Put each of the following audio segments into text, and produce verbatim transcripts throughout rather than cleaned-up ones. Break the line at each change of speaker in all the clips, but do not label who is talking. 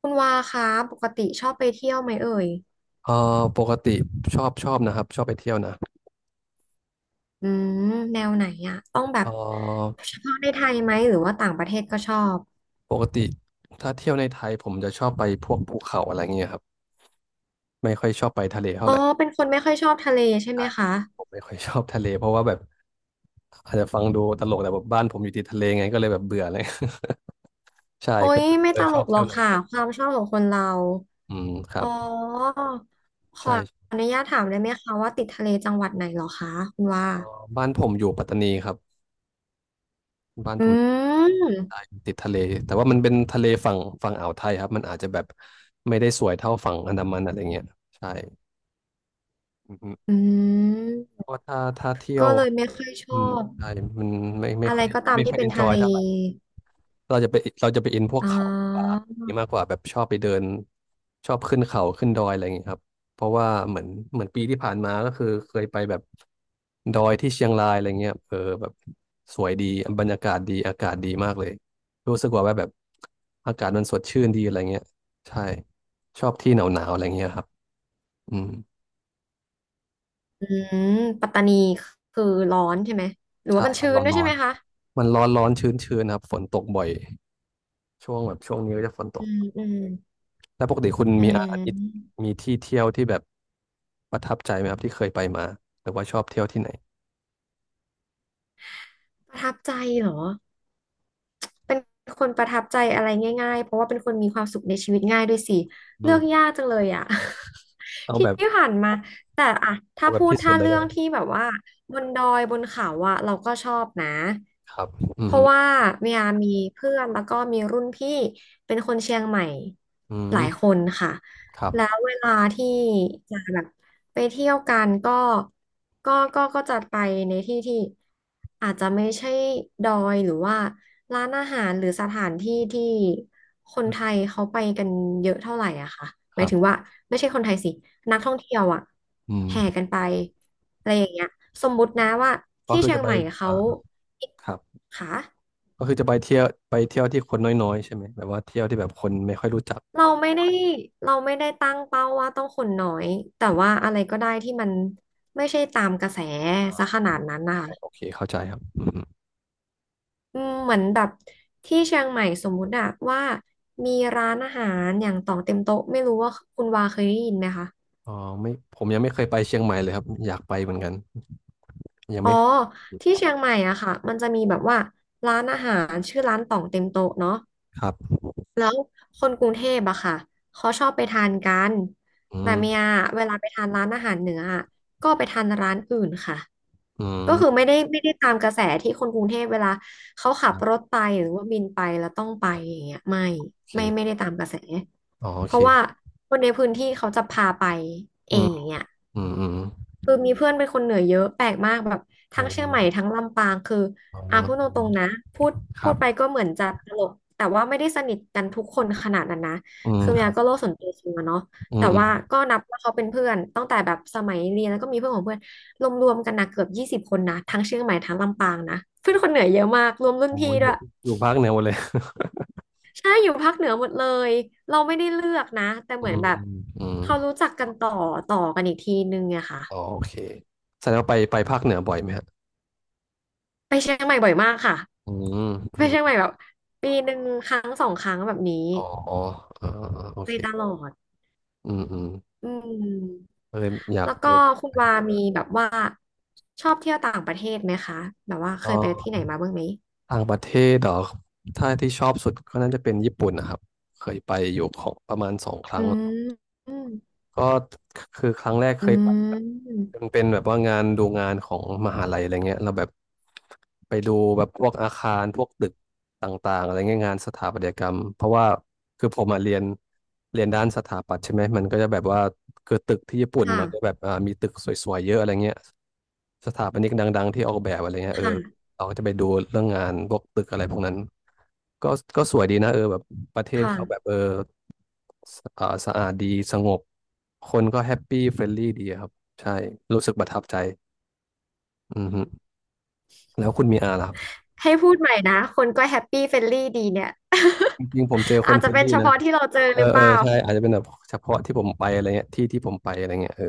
คุณวาคะปกติชอบไปเที่ยวไหมเอ่ย
เออปกติชอบชอบนะครับชอบไปเที่ยวนะ
อืมแนวไหนอะต้องแบ
เ
บ
ออ
เฉพาะในไทยไหมหรือว่าต่างประเทศก็ชอบ
ปกติถ้าเที่ยวในไทยผมจะชอบไปพวกภูเขาอะไรเงี้ยครับไม่ค่อยชอบไปทะเลเท่า
อ๋อ
ไหร่
เป็นคนไม่ค่อยชอบทะเลใช่ไหมคะ
ผมไม่ค่อยชอบทะเลเพราะว่าแบบอาจจะฟังดูตลกแต่แบบบ้านผมอยู่ติดทะเลไงก็เลยแบบเบื่อเลย ใช่
โอ้
ก็
ยไม่
เล
ต
ยช
ล
อบ
กหร
เที่
อ
ยว
ก
แนว
ค่ะ
นั้น
ความชอบของคนเรา
อืมครั
อ๋อ
บ
ขอ
ใช่
อนุญาตถามได้ไหมคะว่าติดทะเลจังหวัดไหนเหรอคะคุณว่า
เออบ้านผมอยู่ปัตตานีครับบ้าน
อื
ผมอยู่ใต้
ม
ติดทะเลแต่ว่ามันเป็นทะเลฝั่งฝั่งอ่าวไทยครับมันอาจจะแบบไม่ได้สวยเท่าฝั่งอันดามันอะไรเงี้ยใช่อืม
อืม
เพราะถ้าถ้าเที่ย
ก็
ว
เลยไม่ค่อยช
อื
อ
ม
บ
ใช่มันไม่ไม่
อะไร
ค่อย
ก็ตาม
ไม่ค่
ที่
อย
เป็
เอ
น
นจ
ทะ
อย
เล
เท่าไหร่เราจะไปเราจะไปอินพวก
อ๋อ
เขาป่าอย่างนี้มากกว่าแบบชอบไปเดินชอบขึ้นเขาขึ้นดอยอะไรอย่างนี้ครับเพราะว่าเหมือนเหมือนปีที่ผ่านมาก็คือเคยไปแบบดอยที่เชียงรายอะไรเงี้ยเออแบบสวยดีบรรยากาศดีอากาศดีมากเลยรู้สึกว่าแบบอากาศมันสดชื่นดีอะไรเงี้ยใช่ชอบที่หนาวๆอะไรเงี้ยครับอืม
อืม ปัตตานีคือร้อนใช่ไหม หรือว่า
ใช่
มัน
มัน
ชื้น
ร้อน
ด้วย
ร้
ใช่
อน
ไหมคะ
มันร้อนๆชื้นๆครับฝนตกบ่อย ช่วงแบบช่วงนี้ก็จะฝนต
อื
ก
ม อืม
แล้วปกติคุณ
อื
มีอาทิตย์
ม
มีที่เที่ยวที่แบบประทับใจไหมครับที่เคยไปมาหรือว่าชอบเที่ยวที่ไหน
ประทับใจเหรอ เป็นคนประทับใจอะไรง่ายๆ เพราะว่าเป็นคนมีความสุขในชีวิตง่ายด้วยสิ
อื
เลือก
ม
ยากจังเลยอ่ะ
เอา
ที่
แบบ
ผ่านมาแต่อะถ้า
เอาแบบ
พูด
ที่สุด
ถ้า
เลย
เรื่
ก็
อง
ได้
ที่แบบว่าบนดอยบนเขาอะเราก็ชอบนะ
ครับอื
เพ
มฮึ
ราะว่าเมียมีเพื่อนแล้วก็มีรุ่นพี่เป็นคนเชียงใหม่
อื
ห
ม
ลายคนค่ะ
ครับ
แล้วเวลาที่จะแบบ ไปเที่ยวกันก็ก็ก็ก็จะไปในที่ที่อาจจะไม่ใช่ดอยหรือว่าร้านอาหารหรือสถานที่ที่คน
อื
ไท
ม
ยเขาไปกันเยอะเท่าไหร่อะค่ะ
ค
หมาย
รับ
ถึงว่าไม่ใช่คนไทยสิ นักท่องเที่ยวอะ
อืม
แห่กันไปอะไรอย่างเงี้ยสมมุตินะว่า
ก็
ที่
คือ
เชีย
จะ
ง
ไป
ใหม่เขา
อ่าครับ
ค่ะ
ก็คือจะไปเที่ยวไปเที่ยวที่คนน้อยๆใช่ไหมแบบว่าเที่ยวที่แบบคนไม่ค่อยรู้จัก
เราไม่ได้เราไม่ได้ตั้งเป้าว่าต้องคนน้อย แต่ว่าอะไรก็ได้ที่มันไม่ใช่ตามกระแสซะขนาดนั้นนะ
โอเคเข้าใจครับอืม
อืมเหมือนแบบที่เชียงใหม่สมมุติอะว่ามีร้านอาหารอย่างต่องเต็มโต๊ะไม่รู้ว่าคุณวาเคยได้ยินไหมคะ
อ๋อไม่ผมยังไม่เคยไปเชียงใหม่เลยครับอยากไปเหมือนกันยัง
อ๋อ
ไม่
ที่เชียงใหม่อะค่ะมันจะมีแบบว่าร้านอาหารชื่อร้านต่องเต็มโต๊ะเนาะ
ครับ
แล้วคนกรุงเทพอะค่ะเขาชอบไปทานกัน
อื
แต่เมีย
ม
เวลาไปทานร้านอาหารเหนืออะก็ไปทานร้านอื่นค่ะ
อื
ก็
ม
คือไม่ได้ไม่ได้ตามกระแสที่คนกรุงเทพเวลาเขาขั
ค
บ
รั
รถ
บ
ไปหรือว่าบินไปแล้วต้องไปอย่างเงี้ยไม่
โอเค
ไม่ไม่ได้ตามกระแส
อ๋อโอ
เพ
เค
ราะว่าคนในพื้นที่เขาจะพาไป
อื
เอง
ม
อย่างเงี้ย
อืมอืม
คือมีเพื่อนเป็นคนเหนือเยอะแปลกมากแบบ
เอ
ทั้งเชียงใหม่
อ
ทั้งลำปางคือ
อ๋อ
อ่ะพูดต
อื
ร
ม
งๆนะพูด
ค
พู
รั
ด
บ
ไปก็เหมือนจะตลกแต่ว่าไม่ได้สนิทกันทุกคนขนาดนั้นนะ
อืม
คือ
ค
เมีย
รั
ก็โล
บ
กส่วนตัวสูงอะเนาะ
อื
แต่
มอืม
ว่าก็นับว่าเขาเป็นเพื่อนตั้งแต่แบบสมัยเรียนแล้วก็มีเพื่อนของเพื่อนรวมๆกันนะเกือบยี่สิบคนนะทั้งเชียงใหม่ทั้งลำปางนะเพื่อนคนเหนือเยอะมากรวมรุ่น
โอ้
พี่ด้
เย
วย
อะอยู่ภาคเหนือหมดเลย
ใช่อยู่ภาคเหนือหมดเลยเราไม่ได้เลือกนะแต่
อื
เหมือน
ม
แบบ
อืมอืม
เขารู้จักกันต่อต่อกันอีกทีนึงอะค่ะ
อ๋อโอเคแสดงว่าไปไปภาคเหนือบ่อยไหมฮะ
ไปเชียงใหม่บ่อยมากค่ะ
อืมอื
ไปเชียงใหม่
ม
แบบปีหนึ่งครั้งสองครั้งแบบนี้
อ๋ออ๋อออโอ
ไป
เค
ตลอด
อืมอืม
อืม
เลยอยาก
แล้วก็
ยก
คุณวามีแบบว่าชอบเที่ยวต่างประเทศไหมคะแบบว่า
เ
เคยไปที่ไห
อ
น
อ
มาบ้างไหม
ต่างประเทศเหรอถ้าที่ชอบสุดก็น่าจะเป็นญี่ปุ่นนะครับเคยไปอยู่ของประมาณสองค
อื
รั้ง
มอืม
ก็คือครั้งแรกเค
อื
ยไป
ม
มันเป็นแบบว่างานดูงานของมหาลัยอะไรเงี้ยเราแลบบไปดูแบบพวกอาคารพวกตึกต่างๆอะไรเงี้ยงานสถาปัตยกรรมเพราะว่าคือผมมาเรียนเรียนด้านสถาปัตย์ใช่ไหมมันก็จะแบบว่าคือตึกที่ญี่ปุ่น
ค่ะ
มันก็แบบอ่ามีตึกสวยๆเยอะอะไรเงี้ยสถาปนิกดังๆที่ออกแบบอะไรเงี้ยเออ
ค่ะ
เราก็จะไปดูเรื่องงานพวกตึกอะไรพวกนั้นก็ก็สวยดีนะเออแบบ ประเทศเขาแบบ
ค่ะ
เออสเอ่อสะอาดดีสงบคนก็แฮปปี้เฟรนลี่ดีอะครับใช่รู้สึกประทับใจอือฮึแล้วคุณมีอาล่ะครับ
ให้พูดใหม่นะคนก็แฮปปี้เฟรนลี่ดีเนี่ย
จ ริงๆผมเจอค
อา
น
จ
เฟ
จะ
รน
เป็น
ลี่
เฉ
นะ
พาะที่เราเจอ
เอ
หรือ
อ
เป
เออ
ล่า
ใช่อาจจะเป็นแบบเฉพาะที่ผมไปอะไรเงี้ยที่ที่ผมไปอะไรเงี้ยเออ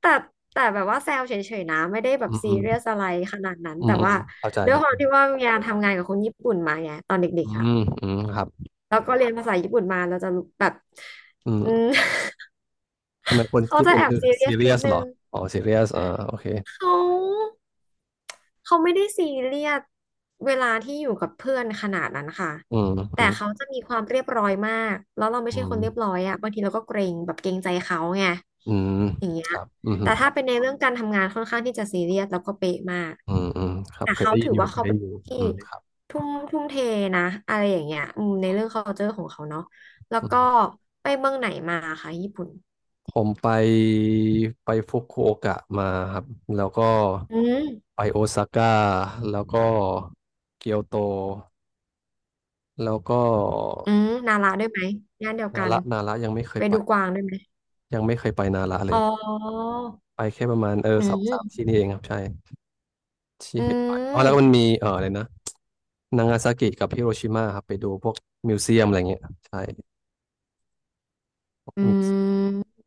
แต่แต่แบบว่าแซวเฉยๆนะไม่ได้แบบ
อืม
ซี
อืม
เรียสอะไรขนาดนั้น
อืม
แต่
อืม
ว่า
เข้าใจ
ด้ว
ค
ย
รับ
ความที่ว่าเมียทำงานกับคนญี่ปุ่นมาไงตอนเด็
อื
กๆอะ
มอืมครับ
แล้วก็เรียนภาษาญี่ปุ่นมาเราจะแบบ
อื
อืม
ม ทำไมคน
เขา
ญี่
จะ
ปุ่น
แอบ
คือ
ซีเรีย
ซี
ส
เรี
นิ
ย
ด
ส
นึ
หรอ
ง
อ๋อซีเรียสอ่าโอเค
เขา เขาไม่ได้ซีเรียสเวลาที่อยู่กับเพื่อนขนาดนั้นค่ะ
อืมอื
แต่
ม
เขาจะมีความเรียบร้อยมากแล้วเราไม่
อื
ใช่ค
ม
นเรียบร้อยอะบางทีเราก็เกรงแบบเกรงใจเขาไง
อืม
อย่างเงี้
ค
ย
รับอืมฮึ
แต่ถ้าเป็นในเรื่องการทำงานค่อนข้างที่จะซีเรียสแล้วก็เป๊ะมาก
อืมอืมครับ
แต่
เคย
เขา
ได้ยิ
ถื
น
อ
อยู่
ว่า
เคย
เขา
ได้
เป็น
ยินอ
ค
ยู่
นที่
อืมครับ
ทุ่มทุ่มเทนะอะไรอย่างเงี้ยอืมในเรื่อง culture ของเขาเนาะแล้วก็ไปเมืองไหนมาค่ะญี่ปุ่น
ผมไปไปฟุกุโอกะมาครับแล้วก็
อื
ไป
ม
โอซาก้าแล้วก็เกียวโตแล้วก็
อืมนาระด้วยไหมย่านเดียว
นา
กัน
ระนาระยังไม่เคย
ไป
ไป
ดูกวางด้วยไหม
ยังไม่เคยไปนาระเล
อ๋
ย
อ
ไปแค่ประมาณเออ
อื
สองสาม
ม
ที่นี่เองครับใช่ที่
อื
เคยไปอ๋อแล้วก็มัน
ม
มีเอออะไรนะนางาซากิกับฮิโรชิมาครับไปดูพวกมิวเซียมอะไรเงี้ยใช่พวก
อื
มิวเซีย
ม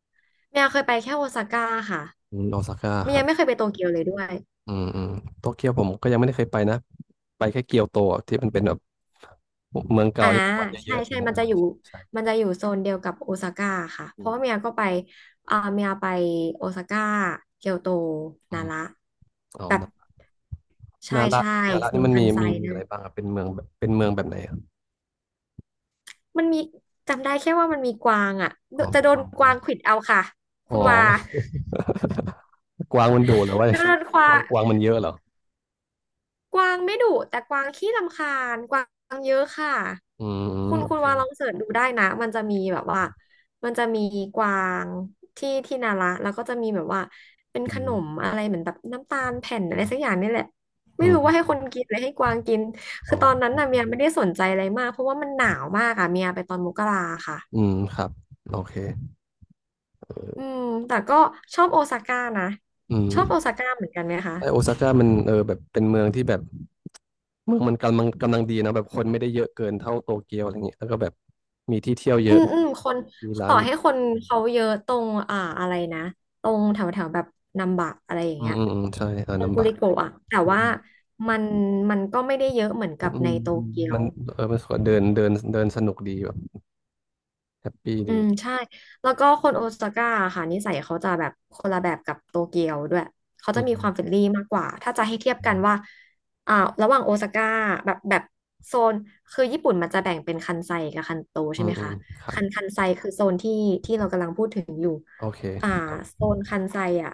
เมียเคยไปแค่โอซาก้าค่ะ
มโอซาก้า
เมี
ค
ย
รั
ยั
บ
งไม่เคยไปโตเกียวเลยด้วย
อืมอืมโตเกียวผมก็ยังไม่ได้เคยไปนะ ไปแค่เกียวโตอะที่มันเป็นแบบเมืองเก่า
อ่า
ที่เป็นวัดเย
ใช่
อะๆอะไร
ใช่
เงี้ย
มันจะ
เอ
อ
อ
ยู่
ใช่
มันจะอยู่โซนเดียวกับโอซาก้าค่ะเพ
อื
ราะว่าเมี
ม
ยก็ไปอ่าเมียไปโอซาก้าเกียวโต
อื
นา
ม
ระ
อ๋อ
แบบ
นา
ใช่
นาระ
ใช่
นาระ
โซ
นี่
น
มัน
คั
มี
นไซ
มีมี
นั่
อะ
น
ไรบ้างอะเป็นเมืองแบบเป็นเมืองแบบไหนอะ
มันมีจำได้แค่ว่ามันมีกวางอ่ะโด
อ๋อ
จะโด
ก
น
วาง
ก
ดู
วางขวิดเอาค่ะ
อ๋
คุ
อ
ณว่า
กวางมันดุเหรอวะ แล้
จะโดนควาง
วกวางมันเยอะเหรอ
กวางไม่ดุแต่กวางขี้รำคาญกวางเยอะค่ะ
อืมอืม
คุณ
โอ
คุณ
เค
วางลองเสิร์ชดูได้นะมันจะมีแบบว่ามันจะมีกวางที่ที่นาระแล้วก็จะมีแบบว่าเป็นข
อื
นม
ม
อะไรเหมือนแบบน้ำตาลแผ่นอะไรสักอย่างนี่แหละ
อื
ไม่รู้ว่าให้
ม
คนกินหรือให้กวางกิน
อ๋อ
คือตอนนั้น
โอ
น่ะ
เค
เมียไม่ได้สนใจอะไรมากเพราะว่ามันหนาวมากอะเมียไปตอนมกราค่ะ
อืมครับโอเค
อืมแต่ก็ชอบโอซาก้านะ
อื
ชอบโอ
ม
ซาก้าเหมือนกันไหมคะ
ไอโอซาก้ามันเออแบบเป็นเมืองที่แบบ เมืองมันกำลังกำลังดีนะแบบคนไม่ได้เยอะเกินเท่าโตเกียวอะไรเงี้ยแล้วก็แบบมีที่เที่ยวเย
อื
อะ
มอืมคน
มีร้า
ต่อ
น
ให้คนเขาเยอะตรงอ่าอะไรนะตรงแถวแถวแบบนัมบะอะไรอย่าง
อืม
เงี้ย
อืมอืมใช่ร้าน
ตรง
น้ำ
กุ
บะ
ริโกะอะแต่
อื
ว่า
ม
มันมันก็ไม่ได้เยอะเหมือน
อื
กับ
มอื
ใน
ม
โต
อืม
เกีย
มั
ว
นเออมันสวยเดินเดินเดินสนุกดีแบบแฮปปี้
อื
ดี
มใช่แล้วก็คนโอซาก้าค่ะนิสัยเขาจะแบบคนละแบบกับโตเกียวด้วยเขา
อื
จะมีควา
ม
มเฟรนลี่มากกว่าถ้าจะให้เทียบ
อื
กัน
ม
ว่าอ่าระหว่างโอซาก้าแบบแบบโซนคือญี่ปุ่นมันจะแบ่งเป็นคันไซกับคันโต
อื
ใช่
ม
ไหม
อื
คะ
มครับ
คันคันไซคือโซนที่ที่เรากำลังพูดถึงอยู่
โอเค
อ่าโซนคันไซอ่ะ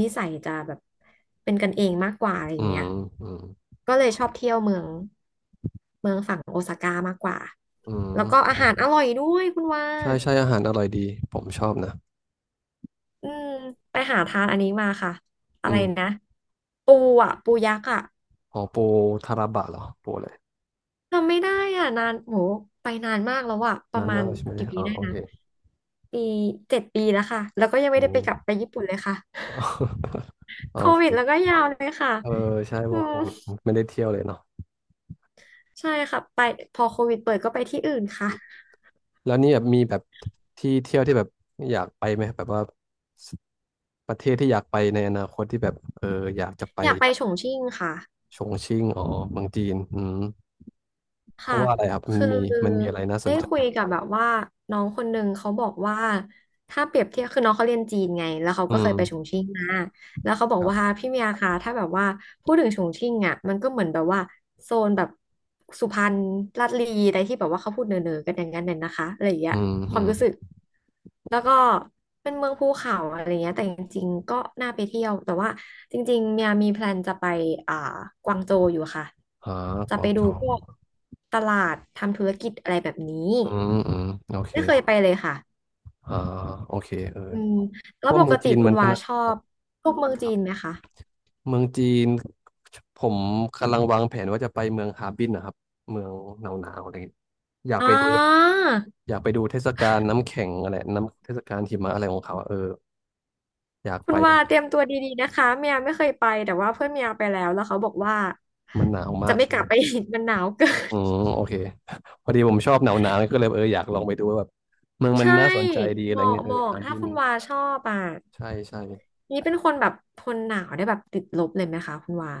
นิสัยจะแบบเป็นกันเองมากกว่าอะไรอ
อื
ย่างเงี้
ม
ย
อืม
ก็เลยชอบเที่ยวเมืองเมืองฝั่งโอซาก้ามากกว่า
อื
แล้
ม
วก็
อื
อาหารอ
ม
ร่อยด้วยคุณว่า
ใช่ใช่อาหารอร่อยดีผมชอบนะ
อืมไปหาทานอันนี้มาค่ะอะไร
อืม
นะปูอ่ะปูยักษ์อ่ะ
อ๋อโปทาราบะเหรอโปเลย
ทำไม่ได้อ่ะนานโหไปนานมากแล้วอ่ะประ
นาน
มา
มา
ณ
กใช่ไหม
กี่ปี
อ๋อ
ได้
โอ
นะ
เค
ปีเจ็ดปีแล้วค่ะแล้วก็ยังไม่
โอ้
ได้ไปกลับไปญี่ปุ่นเลยค่ะ
โอ
โควิดแล้วก็
เค
ยาวเลยค่ะ
เออใช่ว
อื
งโค
ม
วิดไม่ได้เที่ยวเลยเนาะ
ใช่ค่ะไปพอโควิดเปิดก็ไปที่อื่นค่ะ
แล้วนี่แบบมีแบบที่เที่ยวที่แบบอยากไปไหมแบบว่าสประเทศที่อยากไปในอนาคตที่แบบเอออยากจะไป
อยากไปฉงชิ่งค่ะ
ชงชิ่งอ๋อเมืองจีนอืมเพ
ค่ะ
ราะว่าอะไรครับมัน
คือ
มีมันมีอะไรน่าส
ได้
นใจ
คุยกับแบบว่าน้องคนหนึ่งเขาบอกว่าถ้าเปรียบเทียบคือน้องเขาเรียนจีนไงแล้วเขา
อื
ก็เคยไปฉง
ม
ชิ่งมา แล้วเขาบอ
ค
ก
รับ
ว่าพี่เมียคะถ้าแบบว่าพูดถึงฉงชิ่งอ่ะมันก็เหมือนแบบว่าโซนแบบสุพรรณลาดลีอะไรที่แบบว่าเขาพูดเนอๆกันอย่างนั้นน่ะนะคะอะไรอย่างเงี้
อื
ย
ม
ค
อื
วาม
ม
รู้สึกแล้วก็เป็นเมืองภูเขาอะไรเงี้ยแต่จริงๆก็น่าไปเที่ยวแต่ว่าจริงๆเมียมีแพลนจะไปอ่ากวางโจวอยู่ค่ะ
อ่า
จะ
กวา
ไป
ง
ดู
โจว
พวกตลาดทำธุรกิจอะไรแบบนี้
อืมอืมโอเค
ไม่เคยไปเลยค่ะ
อ่าโอเคเออ
อืม
เพ
แล้ว
ราะ
ป
ว่าเมื
ก
อง
ติ
จีน
คุ
มั
ณ
นก็
วา
นะ
ชอ
ครับ
บพวกเมืองจีนไหมคะ
เมืองจีนผมกำลังวางแผนว่าจะไปเมืองฮาร์บินนะครับเมืองหนาวๆอะไรอย่างเงี้ยอยาก
อ่
ไปดูแบบ
า
อยากไปดูเทศกาลน้ำแข็งอะไรน้ำเทศกาลหิมะอะไรของเขาอะเอออยาก
คุ
ไป
ณว่าเตรียมตัวดีๆนะคะเมียไม่เคยไปแต่ว่าเพื่อนเมียไปแล้วแล้วเขาบอกว่า
มันหนาวมา
จะ
ก
ไม่
ใช่
ก
ไห
ลั
ม
บไปอีกมันหนาวเกิ
อื
น
มโอเค พอดีผมชอบหนาวๆก็เลยเอออยากลองไปดูว่าแบบเมือง มัน
ใช่
น่าสนใจดีอะ
เห
ไร
มาะ
เงี้ยเอ
เห
อ
มาะ
ฮาร์
ถ้า
บิน
คุณว่าชอบอ่ะ
ใช่ใช่
นี่เป็นคนแบบทนหนาวได้แบบติดลบเลยไหมคะคุณว่า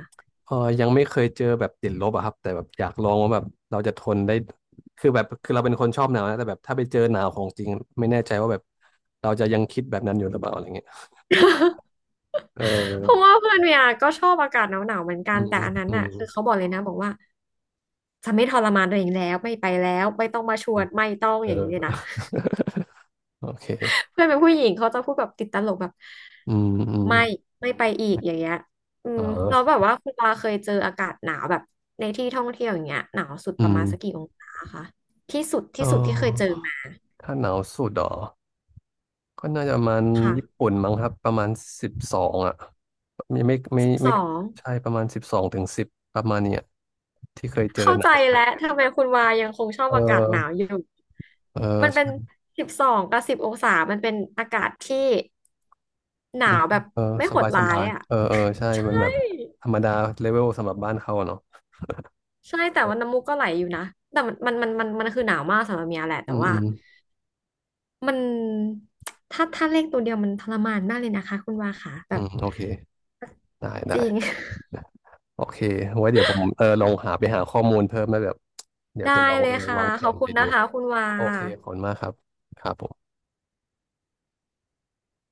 เออยังไม่เคยเจอแบบติดลบอะครับ แต่แบบอยากลองว่าแบบเราจะทนได้คือแบบคือเราเป็นคนชอบหนาวนะแต่แบบถ้าไปเจอหนาวของจริงไม่แน่ใจว่าแบบเราจะยังคิดแบบนั้นอยู่หรือเปล่าอะไรเงี้ยเอ
เพราะ
อ
ว่าเพื่อนเมียก็ชอบอากาศหนาวๆเหมือนกั
อื
นแต่
ม
อันนั้น
อื
น่ะ
ม
คือเขาบอกเลยนะบอกว่าจะไม่ทรมานตัวเองแล้วไม่ไปแล้วไม่ต้องมาช
อื
วน
ม
ไม่ต้อง
เออ
อย่างนี้เลยนะ
โอเค
เพื่อนเป็นผู้หญิงเขาจะพูดแบบติดตลกแบบ
อืมอืม
ไม่ไม่ไปอีกอย่างเงี้ยอื
เอ
มเราแล้
อ
วแบบว่าคุณปาเคยเจออากาศหนาวแบบในที่ท่องเที่ยวอย่างเงี้ยหนาวสุด
อื
ประมาณสักกี่
ม
องศาคะที่สุด
เอ
ที่สุดที่เคยเจอ
อ
มา
ถ้าหนาวสุดเหรอก็น่าจะประมาณญี่
ค่ะ
ปุ่นมั้งครับประมาณสิบสองอะไม่ไม่ไม่
สิบส
ไม่
อง
ใช่ประมาณสิบสองถึงสิบประมาณเนี้ยที่เคยเจอ
เข้า
หนา
ใจ
ว
แล้วทำไมคุณวายังคงชอบ
เอ
อากาศหนาว
อ
อยู่
เออ
มันเป็น
ใช่
สิบสองกับสิบองศามันเป็นอากาศที่หนา
มัน
วแบบ
เออ
ไม่
ส
โห
บา
ด
ยส
ร้า
บา
ย
ย
อ่ะ
เออเออใช่
ใช่
มันแบบธรรมดาเลเวลสำหรับบ้านเขาอะเนาะ
ใช่แต่ว่าน้ำมูกก็ไหลอยู่นะแต่มันมันมันมันมันคือหนาวมากสำหรับเมียแหละ
อื
แต่
ม
ว่า
อืม
มันถ้าถ้าเลขตัวเดียวมันทรมานมากเลยนะคะคุณวาค่ะแบ
อื
บ
มโอเคได้
จ
ได้
ริง
ได้โอเคไว้เดี๋ยวผมเออลองหาไปหาข้อมูลเพิ่มแล้วแบบเดี๋ ยว
ได้
จะลอง
เล
เออ
ยค่ะ
วางแผ
ขอบ
น
คุ
ไป
ณ
ดู
นะคะคุณวา
โอเคขอบคุณมากครับครับผม